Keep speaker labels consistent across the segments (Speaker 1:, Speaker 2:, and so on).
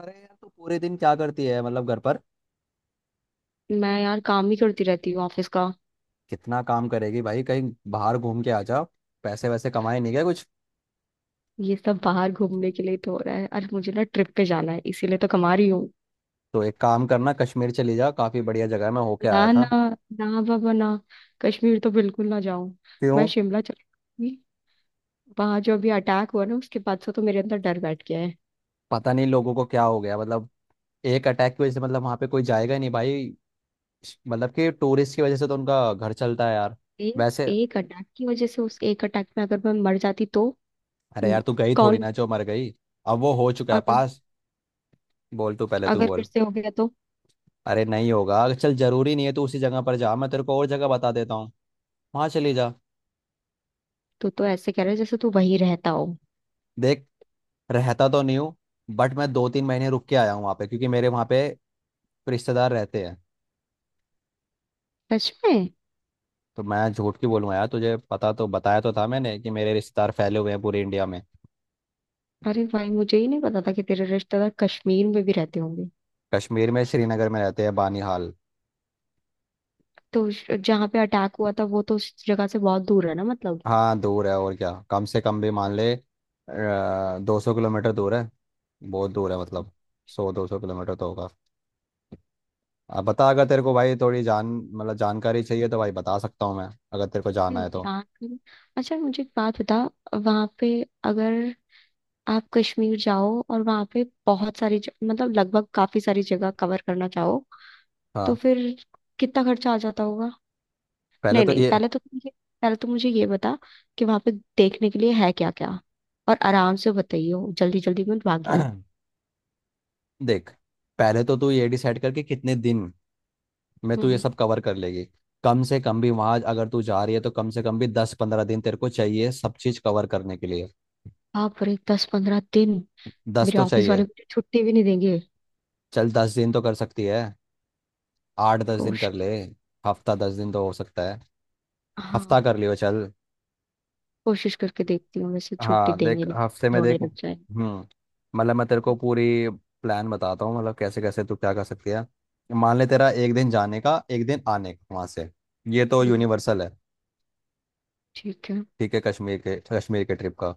Speaker 1: अरे यार, तू पूरे दिन क्या करती है मतलब घर पर।
Speaker 2: मैं यार काम ही करती रहती हूँ ऑफिस का।
Speaker 1: कितना काम करेगी भाई, कहीं बाहर घूम के आ जा। पैसे वैसे कमाए नहीं गए कुछ?
Speaker 2: ये सब बाहर घूमने के लिए तो हो रहा है। अरे मुझे ना ट्रिप पे जाना है इसीलिए तो कमा रही हूँ।
Speaker 1: तो एक काम करना, कश्मीर चली जा, काफी बढ़िया जगह है, मैं होके आया
Speaker 2: ना ना,
Speaker 1: था।
Speaker 2: ना बाबा ना। कश्मीर तो बिल्कुल ना जाऊं। मैं
Speaker 1: क्यों?
Speaker 2: शिमला चली जाऊंगी। वहां जो अभी अटैक हुआ ना उसके बाद से तो मेरे अंदर डर बैठ गया है।
Speaker 1: पता नहीं लोगों को क्या हो गया मतलब। एक अटैक की वजह से मतलब वहां पे कोई जाएगा ही नहीं भाई। मतलब कि टूरिस्ट की वजह से तो उनका घर चलता है यार। वैसे।
Speaker 2: एक अटैक की वजह से उस एक अटैक में अगर मैं मर जाती तो।
Speaker 1: अरे यार
Speaker 2: हम्म,
Speaker 1: तू गई थोड़ी
Speaker 2: कौन।
Speaker 1: ना जो मर गई। अब वो हो चुका है
Speaker 2: अगर
Speaker 1: पास। बोल, तू पहले, तू
Speaker 2: अगर फिर
Speaker 1: बोल।
Speaker 2: से हो गया तो।
Speaker 1: अरे नहीं होगा, चल, जरूरी नहीं है तू उसी जगह पर जा, मैं तेरे को और जगह बता देता हूँ। वहां चली जा।
Speaker 2: तो ऐसे कह रहे जैसे तू वहीं रहता हो।
Speaker 1: देख। रहता तो नहीं हूँ। बट मैं 2-3 महीने रुक के आया हूँ वहाँ पे, क्योंकि मेरे वहाँ पे रिश्तेदार रहते हैं।
Speaker 2: सच में।
Speaker 1: तो मैं झूठ क्यों बोलूँगा यार, तुझे पता, तो बताया तो था मैंने कि मेरे रिश्तेदार फैले हुए हैं पूरे इंडिया में।
Speaker 2: अरे भाई मुझे ही नहीं पता था कि तेरे रिश्तेदार कश्मीर में भी रहते होंगे।
Speaker 1: कश्मीर में श्रीनगर में रहते हैं बानीहाल।
Speaker 2: तो जहाँ पे अटैक हुआ था वो तो उस जगह से बहुत दूर है ना मतलब।
Speaker 1: हाँ दूर है और क्या, कम से कम भी मान ले 200 किलोमीटर दूर है। बहुत दूर है मतलब। 100-200 किलोमीटर तो होगा। अब बता, अगर तेरे को भाई थोड़ी जान मतलब जानकारी चाहिए तो भाई बता सकता हूँ मैं, अगर तेरे को जाना
Speaker 2: हम्म
Speaker 1: है तो।
Speaker 2: जहाँ की- अच्छा मुझे एक बात बता। वहाँ पे अगर आप कश्मीर जाओ और वहाँ पे बहुत सारी मतलब लगभग काफी सारी जगह कवर करना चाहो तो
Speaker 1: हाँ।
Speaker 2: फिर कितना खर्चा आ जाता होगा।
Speaker 1: पहले
Speaker 2: नहीं
Speaker 1: तो
Speaker 2: नहीं,
Speaker 1: ये।
Speaker 2: पहले तो मुझे ये बता कि वहाँ पे देखने के लिए है क्या क्या। और आराम से बताइयो, जल्दी जल्दी मत भागियो।
Speaker 1: देख, पहले तो तू ये डिसाइड करके कितने दिन में तू ये
Speaker 2: हम्म।
Speaker 1: सब कवर कर लेगी। कम से कम भी वहां अगर तू जा रही है तो कम से कम भी 10-15 दिन तेरे को चाहिए सब चीज कवर करने के लिए।
Speaker 2: आप रे 10-15 दिन।
Speaker 1: दस
Speaker 2: मेरे
Speaker 1: तो
Speaker 2: ऑफिस वाले
Speaker 1: चाहिए।
Speaker 2: मुझे छुट्टी भी नहीं देंगे।
Speaker 1: चल, 10 दिन तो कर सकती है। 8-10 दिन कर
Speaker 2: कोशिश।
Speaker 1: ले। हफ्ता दस दिन तो हो सकता है। हफ्ता कर
Speaker 2: हाँ।
Speaker 1: लियो चल।
Speaker 2: कोशिश करके देखती हूँ वैसे छुट्टी
Speaker 1: हाँ देख,
Speaker 2: देंगे नहीं।
Speaker 1: हफ्ते में
Speaker 2: रोने
Speaker 1: देख।
Speaker 2: लग जाएंगे।
Speaker 1: मतलब मैं तेरे को पूरी प्लान बताता हूँ, मतलब कैसे कैसे तू क्या कर सकती है। मान ले तेरा एक दिन जाने का, एक दिन आने का वहां से। ये तो
Speaker 2: हम्म,
Speaker 1: यूनिवर्सल है।
Speaker 2: ठीक है।
Speaker 1: ठीक है। कश्मीर के ट्रिप का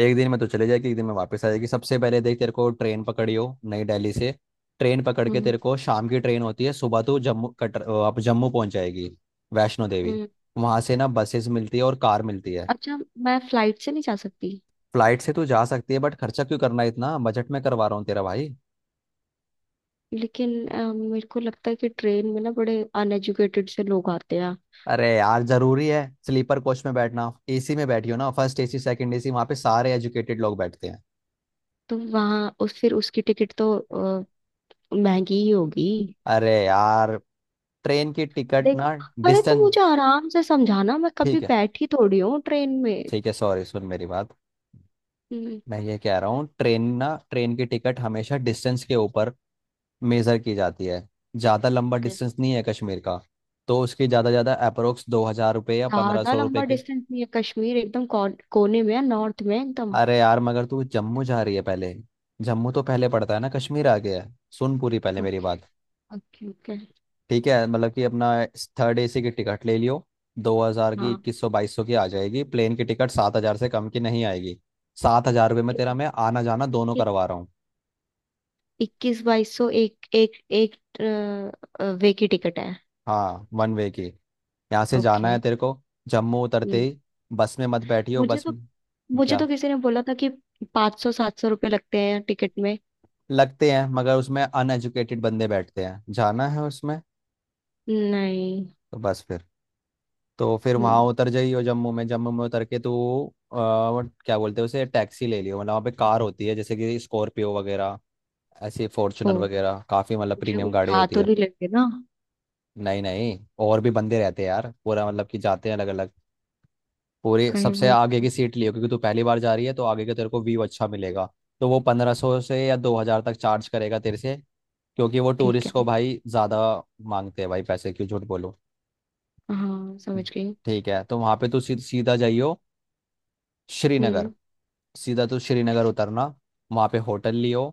Speaker 1: एक दिन में तो चले जाएगी, एक दिन में वापस आ जाएगी। सबसे पहले देख, तेरे को ट्रेन पकड़ी हो नई दिल्ली से। ट्रेन पकड़ के
Speaker 2: हम्म,
Speaker 1: तेरे को शाम की ट्रेन होती है, सुबह तो जम्मू कटर, आप जम्मू पहुंच जाएगी। वैष्णो देवी।
Speaker 2: हम्म।
Speaker 1: वहां से ना बसेस मिलती है और कार मिलती है।
Speaker 2: अच्छा, मैं फ्लाइट से नहीं जा सकती।
Speaker 1: फ्लाइट से तो जा सकती है बट खर्चा क्यों करना है, इतना बजट में करवा रहा हूँ तेरा भाई।
Speaker 2: लेकिन मेरे को लगता है कि ट्रेन में ना बड़े अनएजुकेटेड से लोग आते हैं।
Speaker 1: अरे यार, जरूरी है। स्लीपर कोच में बैठना, एसी में बैठी हो ना, फर्स्ट एसी सेकंड एसी, वहां पे सारे एजुकेटेड लोग बैठते हैं।
Speaker 2: तो वहाँ उस फिर उसकी टिकट तो महंगी ही होगी।
Speaker 1: अरे यार। ट्रेन की टिकट ना,
Speaker 2: देख। अरे तो
Speaker 1: डिस्टेंस।
Speaker 2: मुझे आराम से समझाना, मैं कभी
Speaker 1: ठीक है।
Speaker 2: बैठी थोड़ी हूँ ट्रेन में।
Speaker 1: ठीक है सॉरी, सुन मेरी बात।
Speaker 2: हम्म,
Speaker 1: मैं ये कह रहा हूँ, ट्रेन ना, ट्रेन की टिकट हमेशा डिस्टेंस के ऊपर मेजर की जाती है। ज़्यादा लंबा
Speaker 2: ओके।
Speaker 1: डिस्टेंस नहीं है कश्मीर का। तो उसकी ज़्यादा ज़्यादा अप्रोक्स ₹2,000 या पंद्रह
Speaker 2: ज्यादा
Speaker 1: सौ रुपये
Speaker 2: लंबा
Speaker 1: के।
Speaker 2: डिस्टेंस नहीं है, कश्मीर एकदम कोने में है, नॉर्थ में है एकदम।
Speaker 1: अरे यार, मगर तू जम्मू जा रही है पहले। जम्मू तो पहले पड़ता है ना, कश्मीर आ गया है। सुन पूरी पहले मेरी
Speaker 2: ओके,
Speaker 1: बात।
Speaker 2: Okay, okay.
Speaker 1: ठीक है, मतलब कि अपना थर्ड एसी की टिकट ले लियो। 2,000 की,
Speaker 2: हाँ।
Speaker 1: 2,100 2,200 की आ जाएगी। प्लेन की टिकट 7,000 से कम की नहीं आएगी। ₹7,000 में तेरा मैं आना जाना दोनों
Speaker 2: इक्कीस
Speaker 1: करवा रहा हूँ।
Speaker 2: इक्कीस बाईस सौ एक एक एक अ, वे की टिकट है।
Speaker 1: हाँ, वन वे की। यहाँ से जाना
Speaker 2: ओके।
Speaker 1: है तेरे को। जम्मू उतरते
Speaker 2: हम्म।
Speaker 1: ही बस में मत बैठियो,
Speaker 2: मुझे तो मुझे
Speaker 1: क्या।
Speaker 2: तो किसी ने बोला था कि 500-700 रुपये लगते हैं टिकट में।
Speaker 1: लगते हैं, मगर उसमें अनएजुकेटेड बंदे बैठते हैं, जाना है उसमें?
Speaker 2: नहीं।
Speaker 1: तो बस फिर, तो फिर
Speaker 2: हम्म,
Speaker 1: वहाँ उतर जाइयो जम्मू में, जम्मू में उतर के तो क्या बोलते हैं उसे, टैक्सी ले लियो। मतलब वहाँ पे कार होती है जैसे कि स्कॉर्पियो वगैरह, ऐसी
Speaker 2: ओ
Speaker 1: फॉर्चुनर वगैरह, काफ़ी मतलब
Speaker 2: मुझे
Speaker 1: प्रीमियम गाड़ी
Speaker 2: उठा
Speaker 1: होती
Speaker 2: तो
Speaker 1: है।
Speaker 2: नहीं लेंगे ना
Speaker 1: नहीं नहीं। और भी बंदे रहते हैं यार, पूरा मतलब कि जाते हैं अलग अलग। पूरी
Speaker 2: कहीं
Speaker 1: सबसे
Speaker 2: वो।
Speaker 1: आगे की सीट लियो, क्योंकि तू पहली बार जा रही है तो आगे का तेरे को व्यू अच्छा मिलेगा। तो वो 1,500 से या 2,000 तक चार्ज करेगा तेरे से, क्योंकि वो
Speaker 2: ठीक
Speaker 1: टूरिस्ट को
Speaker 2: है।
Speaker 1: भाई ज़्यादा मांगते हैं भाई, पैसे क्यों झूठ बोलो।
Speaker 2: हाँ, समझ गई।
Speaker 1: ठीक है, तो वहाँ पे तू सीधा जाइयो श्रीनगर।
Speaker 2: हम्म।
Speaker 1: सीधा तू श्रीनगर उतरना। वहाँ पे होटल लियो।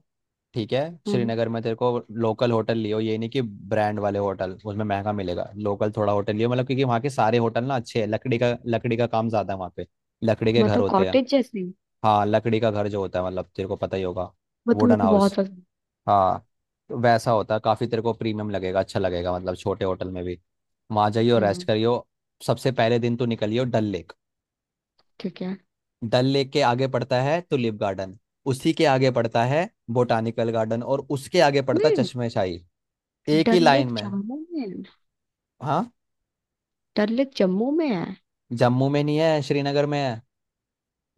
Speaker 1: ठीक है।
Speaker 2: हम्म।
Speaker 1: श्रीनगर में तेरे को लोकल होटल लियो, ये नहीं कि ब्रांड वाले होटल, उसमें महंगा मिलेगा, लोकल थोड़ा होटल लियो, मतलब क्योंकि वहाँ के सारे होटल ना अच्छे हैं। लकड़ी का काम ज़्यादा है वहाँ पे। लकड़ी के घर
Speaker 2: मतलब
Speaker 1: होते हैं।
Speaker 2: कॉटेज जैसे।
Speaker 1: हाँ, लकड़ी का घर जो होता है, मतलब तेरे को पता ही होगा,
Speaker 2: मतलब
Speaker 1: वुडन
Speaker 2: मेरे को बहुत
Speaker 1: हाउस।
Speaker 2: पसंद।
Speaker 1: हाँ। तो वैसा होता है, काफ़ी तेरे को प्रीमियम लगेगा, अच्छा लगेगा, मतलब छोटे होटल में भी। वहाँ जाइयो, रेस्ट
Speaker 2: हम्म।
Speaker 1: करियो। सबसे पहले दिन तो निकलियो डल लेक।
Speaker 2: ठीक है।
Speaker 1: डल लेक के आगे पड़ता है टुलिप गार्डन। उसी के आगे पड़ता है बोटानिकल गार्डन, और उसके आगे पड़ता है
Speaker 2: नहीं,
Speaker 1: चश्मे शाही। एक ही
Speaker 2: डल
Speaker 1: लाइन
Speaker 2: लेक
Speaker 1: में।
Speaker 2: जम्मू में।
Speaker 1: हाँ।
Speaker 2: डल लेक जम्मू में है।
Speaker 1: जम्मू में नहीं है, श्रीनगर में है।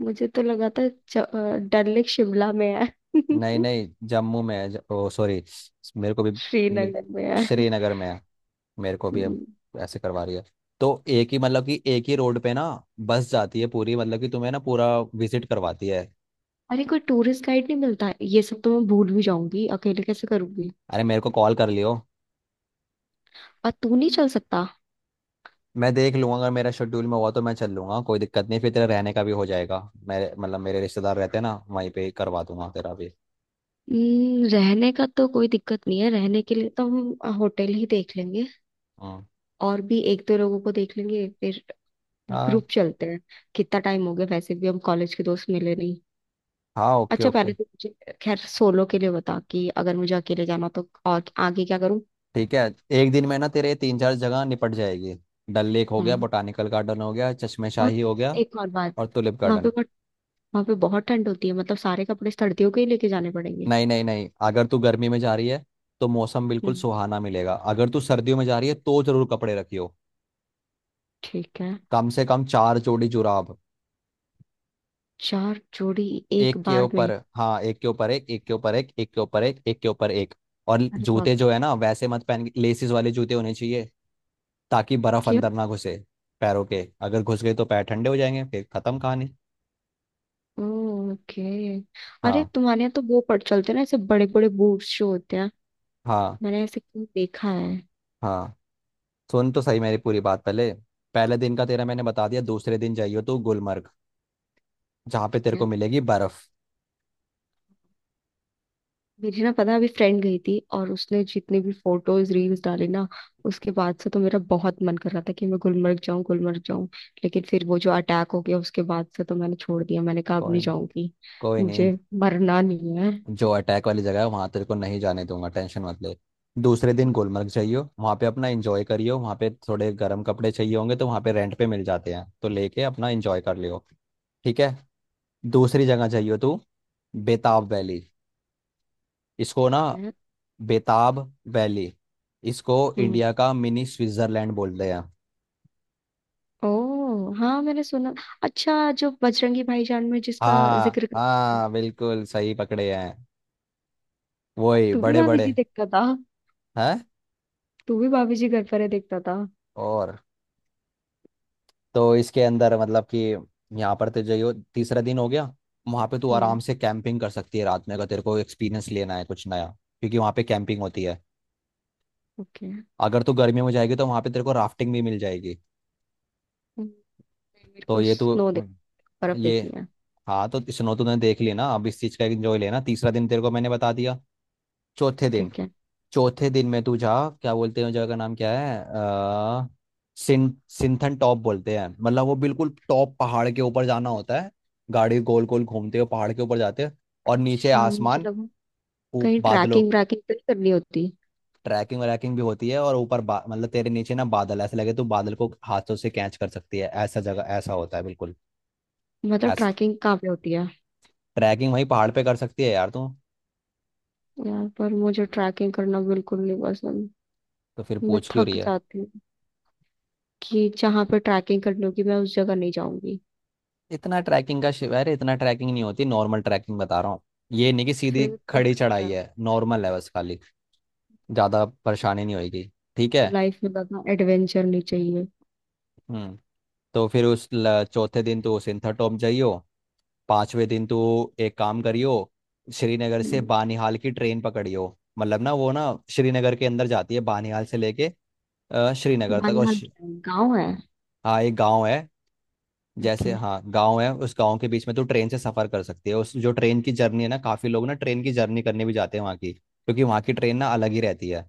Speaker 2: मुझे तो लगा था डल लेक शिमला में है।
Speaker 1: नहीं नहीं, जम्मू में है, ओ सॉरी। मेरे को भी मे-
Speaker 2: श्रीनगर में है।
Speaker 1: श्रीनगर में है। मेरे को भी अब
Speaker 2: हम्म।
Speaker 1: ऐसे करवा रही है। तो एक ही मतलब कि एक ही रोड पे ना बस जाती है पूरी, मतलब कि तुम्हें ना पूरा विजिट करवाती है।
Speaker 2: अरे कोई टूरिस्ट गाइड नहीं मिलता है, ये सब तो मैं भूल भी जाऊंगी, अकेले कैसे करूंगी।
Speaker 1: अरे, मेरे को कॉल कर लियो।
Speaker 2: और तू नहीं चल सकता।
Speaker 1: मैं देख लूंगा, अगर मेरा शेड्यूल में हुआ तो मैं चल लूंगा, कोई दिक्कत नहीं, फिर तेरा रहने का भी हो जाएगा। मेरे मतलब मेरे रिश्तेदार रहते हैं ना, वहीं पे ही करवा दूंगा तेरा भी।
Speaker 2: रहने का तो कोई दिक्कत नहीं है, रहने के लिए तो हम होटल ही देख लेंगे।
Speaker 1: हाँ।
Speaker 2: और भी एक दो लोगों को देख लेंगे फिर। ग्रुप
Speaker 1: हाँ।
Speaker 2: चलते हैं। कितना टाइम हो गया वैसे भी, हम कॉलेज के दोस्त मिले नहीं।
Speaker 1: हाँ। ओके
Speaker 2: अच्छा
Speaker 1: ओके।
Speaker 2: पहले तो मुझे, खैर सोलो के लिए बता कि अगर मुझे अकेले जाना तो और आगे क्या करूं।
Speaker 1: ठीक है। एक दिन में ना तेरे 3-4 जगह निपट जाएगी। डल लेक हो गया,
Speaker 2: हम्म।
Speaker 1: बोटानिकल गार्डन हो गया, चश्मे
Speaker 2: और
Speaker 1: शाही हो गया,
Speaker 2: एक और बात।
Speaker 1: और टुलिप
Speaker 2: वहां पे
Speaker 1: गार्डन।
Speaker 2: बट वहां पे बहुत ठंड होती है मतलब सारे कपड़े सर्दियों के ही लेके जाने पड़ेंगे।
Speaker 1: नहीं नहीं नहीं, अगर तू गर्मी में जा रही है तो मौसम बिल्कुल
Speaker 2: हम्म।
Speaker 1: सुहाना मिलेगा, अगर तू सर्दियों में जा रही है तो जरूर कपड़े रखियो।
Speaker 2: ठीक है।
Speaker 1: कम से कम 4 जोड़ी जुराब।
Speaker 2: 4 जोड़ी। एक
Speaker 1: एक के
Speaker 2: बार
Speaker 1: ऊपर,
Speaker 2: में।
Speaker 1: हाँ, एक के ऊपर एक, एक के ऊपर एक, एक के ऊपर एक, एक के ऊपर एक। और
Speaker 2: अरे
Speaker 1: जूते
Speaker 2: बाप रे।
Speaker 1: जो है ना वैसे मत पहन के, लेसिस वाले जूते होने चाहिए, ताकि बर्फ
Speaker 2: क्यों।
Speaker 1: अंदर ना घुसे। पैरों के अगर घुस गए तो पैर ठंडे हो जाएंगे, फिर खत्म कहानी।
Speaker 2: ओके। अरे
Speaker 1: हाँ।
Speaker 2: तुम्हारे यहाँ तो वो पड़ चलते हैं ना ऐसे बड़े बड़े बूट्स जो होते हैं।
Speaker 1: हाँ।
Speaker 2: मैंने ऐसे कहीं देखा है।
Speaker 1: हाँ। सुन तो सही मेरी पूरी बात पहले। पहले दिन का तेरा मैंने बता दिया। दूसरे दिन जाइयो तू गुलमर्ग, जहाँ पे
Speaker 2: ठीक
Speaker 1: तेरे
Speaker 2: है।
Speaker 1: को मिलेगी बर्फ।
Speaker 2: मेरी ना पता है, अभी फ्रेंड गई थी और उसने जितने भी फोटोज रील्स डाले ना, उसके बाद से तो मेरा बहुत मन कर रहा था कि मैं गुलमर्ग जाऊं, गुलमर्ग जाऊं। लेकिन फिर वो जो अटैक हो गया उसके बाद से तो मैंने छोड़ दिया, मैंने कहा अब
Speaker 1: कोई
Speaker 2: नहीं
Speaker 1: नहीं,
Speaker 2: जाऊंगी।
Speaker 1: कोई नहीं,
Speaker 2: मुझे मरना नहीं है।
Speaker 1: जो अटैक वाली जगह है वहां तेरे को नहीं जाने दूंगा, टेंशन मत ले। दूसरे दिन गुलमर्ग चाहिए, वहां पे अपना एंजॉय करियो, वहां पे थोड़े गर्म कपड़े चाहिए होंगे तो वहां पे रेंट पे मिल जाते हैं, तो लेके अपना एंजॉय कर लियो। ठीक है। दूसरी जगह चाहिए तू, बेताब वैली। इसको ना,
Speaker 2: ठीक है।
Speaker 1: बेताब वैली, इसको
Speaker 2: हम्म।
Speaker 1: इंडिया का मिनी स्विट्जरलैंड बोलते हैं।
Speaker 2: ओ हाँ, मैंने सुना। अच्छा, जो बजरंगी भाईजान में जिसका
Speaker 1: हाँ
Speaker 2: जिक्र कर-
Speaker 1: हाँ, बिल्कुल सही पकड़े हैं। वही
Speaker 2: तू भी
Speaker 1: बड़े
Speaker 2: भाभी जी
Speaker 1: बड़े
Speaker 2: देखता था
Speaker 1: हैं।
Speaker 2: तू भी भाभी जी घर पर है देखता था।
Speaker 1: और, तो इसके अंदर मतलब कि यहाँ पर तुझे यो तीसरा दिन हो गया। वहाँ पे तू आराम
Speaker 2: हम्म।
Speaker 1: से कैंपिंग कर सकती है रात में, अगर तेरे को एक्सपीरियंस लेना है कुछ नया, क्योंकि वहाँ पे कैंपिंग होती है।
Speaker 2: ओके
Speaker 1: अगर तू गर्मियों में जाएगी तो वहाँ पे तेरे को राफ्टिंग भी मिल जाएगी।
Speaker 2: मेरे
Speaker 1: तो
Speaker 2: को
Speaker 1: ये तू,
Speaker 2: स्नो देख बर्फ
Speaker 1: ये,
Speaker 2: देखनी है।
Speaker 1: हाँ, तो स्नो तूने देख ली ना, अब इस चीज़ का एंजॉय लेना। तीसरा दिन तेरे को मैंने बता दिया। चौथे दिन,
Speaker 2: ठीक है।
Speaker 1: चौथे दिन में तू जा, क्या बोलते हैं उस जगह का नाम, क्या है, सिंथन टॉप बोलते हैं, मतलब वो बिल्कुल टॉप पहाड़ के ऊपर जाना होता है। गाड़ी गोल गोल घूमते हुए पहाड़ के ऊपर जाते हैं, और नीचे
Speaker 2: शाम मुझे
Speaker 1: आसमान,
Speaker 2: लगा कहीं
Speaker 1: बादलों।
Speaker 2: ट्रैकिंग व्रैकिंग तो नहीं करनी होती।
Speaker 1: ट्रैकिंग व्रैकिंग भी होती है, और ऊपर मतलब तेरे नीचे ना बादल ऐसे लगे तो बादल को हाथों से कैच कर सकती है, ऐसा, जगह ऐसा होता है बिल्कुल।
Speaker 2: मतलब
Speaker 1: ऐसा,
Speaker 2: ट्रैकिंग कहाँ पे होती है।
Speaker 1: ट्रैकिंग वहीं पहाड़ पे कर सकती है यार तू।
Speaker 2: यार पर मुझे ट्रैकिंग करना बिल्कुल नहीं पसंद,
Speaker 1: तो फिर
Speaker 2: मैं
Speaker 1: पूछ क्यों रही
Speaker 2: थक
Speaker 1: है
Speaker 2: जाती हूँ। कि जहाँ पे ट्रैकिंग करनी होगी मैं उस जगह नहीं जाऊंगी।
Speaker 1: इतना, ट्रैकिंग का शिव, अरे इतना ट्रैकिंग नहीं होती, नॉर्मल ट्रैकिंग बता रहा हूँ। ये नहीं कि सीधी
Speaker 2: फिर तो
Speaker 1: खड़ी
Speaker 2: ठीक
Speaker 1: चढ़ाई
Speaker 2: है।
Speaker 1: है, नॉर्मल है बस खाली। ज़्यादा परेशानी नहीं होगी। ठीक है।
Speaker 2: तो लाइफ में बस एडवेंचर नहीं चाहिए।
Speaker 1: हम्म। तो फिर उस, चौथे दिन तो सिंथर टॉप जाइयो। पांचवें दिन तो एक काम करियो, श्रीनगर से
Speaker 2: हम्म।
Speaker 1: बानिहाल की ट्रेन पकड़ियो। मतलब ना वो ना श्रीनगर के अंदर जाती है बानिहाल से लेके श्रीनगर तक, और
Speaker 2: बानिहाल क्या है? गाँव है।
Speaker 1: हाँ, एक गाँव है। जैसे,
Speaker 2: ओके।
Speaker 1: हाँ गांव है, उस गांव के बीच में तो ट्रेन से सफर कर सकती है। उस जो ट्रेन की जर्नी है ना, काफी लोग ना ट्रेन की जर्नी करने भी जाते हैं वहाँ की, क्योंकि वहाँ की ट्रेन ना अलग ही रहती है।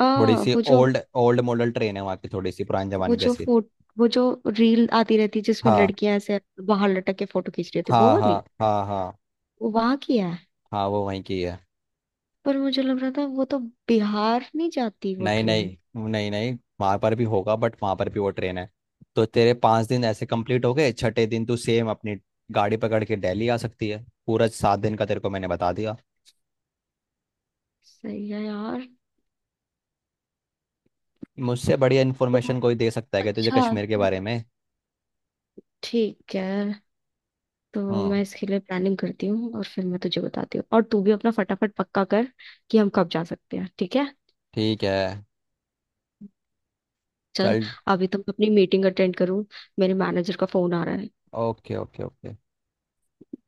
Speaker 2: आ
Speaker 1: थोड़ी सी
Speaker 2: वो जो
Speaker 1: ओल्ड ओल्ड मॉडल ट्रेन है वहाँ की, थोड़ी सी पुराने
Speaker 2: वो
Speaker 1: जमाने
Speaker 2: जो
Speaker 1: जैसी।
Speaker 2: फोट वो जो रील आती रहती है जिसमें
Speaker 1: हाँ
Speaker 2: लड़कियां ऐसे बाहर लटक के फोटो खींच रही होती है, वो
Speaker 1: हाँ। हाँ
Speaker 2: वाली।
Speaker 1: हाँ। हाँ,
Speaker 2: वो वहां की है।
Speaker 1: हाँ वो वहीं की है।
Speaker 2: पर मुझे लग रहा था वो तो, बिहार नहीं जाती वो
Speaker 1: नहीं
Speaker 2: ट्रेन।
Speaker 1: नहीं। नहीं नहीं, वहाँ पर भी होगा बट वहाँ पर भी वो ट्रेन है। तो तेरे 5 दिन ऐसे कंप्लीट हो गए, छठे दिन तू सेम अपनी गाड़ी पकड़ के दिल्ली आ सकती है। पूरा 7 दिन का तेरे को मैंने बता दिया।
Speaker 2: सही है यार।
Speaker 1: मुझसे बढ़िया
Speaker 2: तो,
Speaker 1: इन्फॉर्मेशन कोई दे सकता है क्या तुझे
Speaker 2: अच्छा,
Speaker 1: कश्मीर के
Speaker 2: तो
Speaker 1: बारे में?
Speaker 2: ठीक है, तो मैं
Speaker 1: हाँ।
Speaker 2: इसके लिए प्लानिंग करती हूँ और फिर मैं तुझे बताती हूँ, और तू भी अपना फटाफट पक्का कर कि हम कब जा सकते हैं, ठीक है।
Speaker 1: ठीक है।
Speaker 2: चल।
Speaker 1: चल।
Speaker 2: अभी तो मैं अपनी मीटिंग अटेंड करूँ, मेरे मैनेजर का फोन आ रहा है।
Speaker 1: Okay okay okay.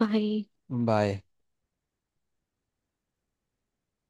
Speaker 2: Bye.
Speaker 1: Bye.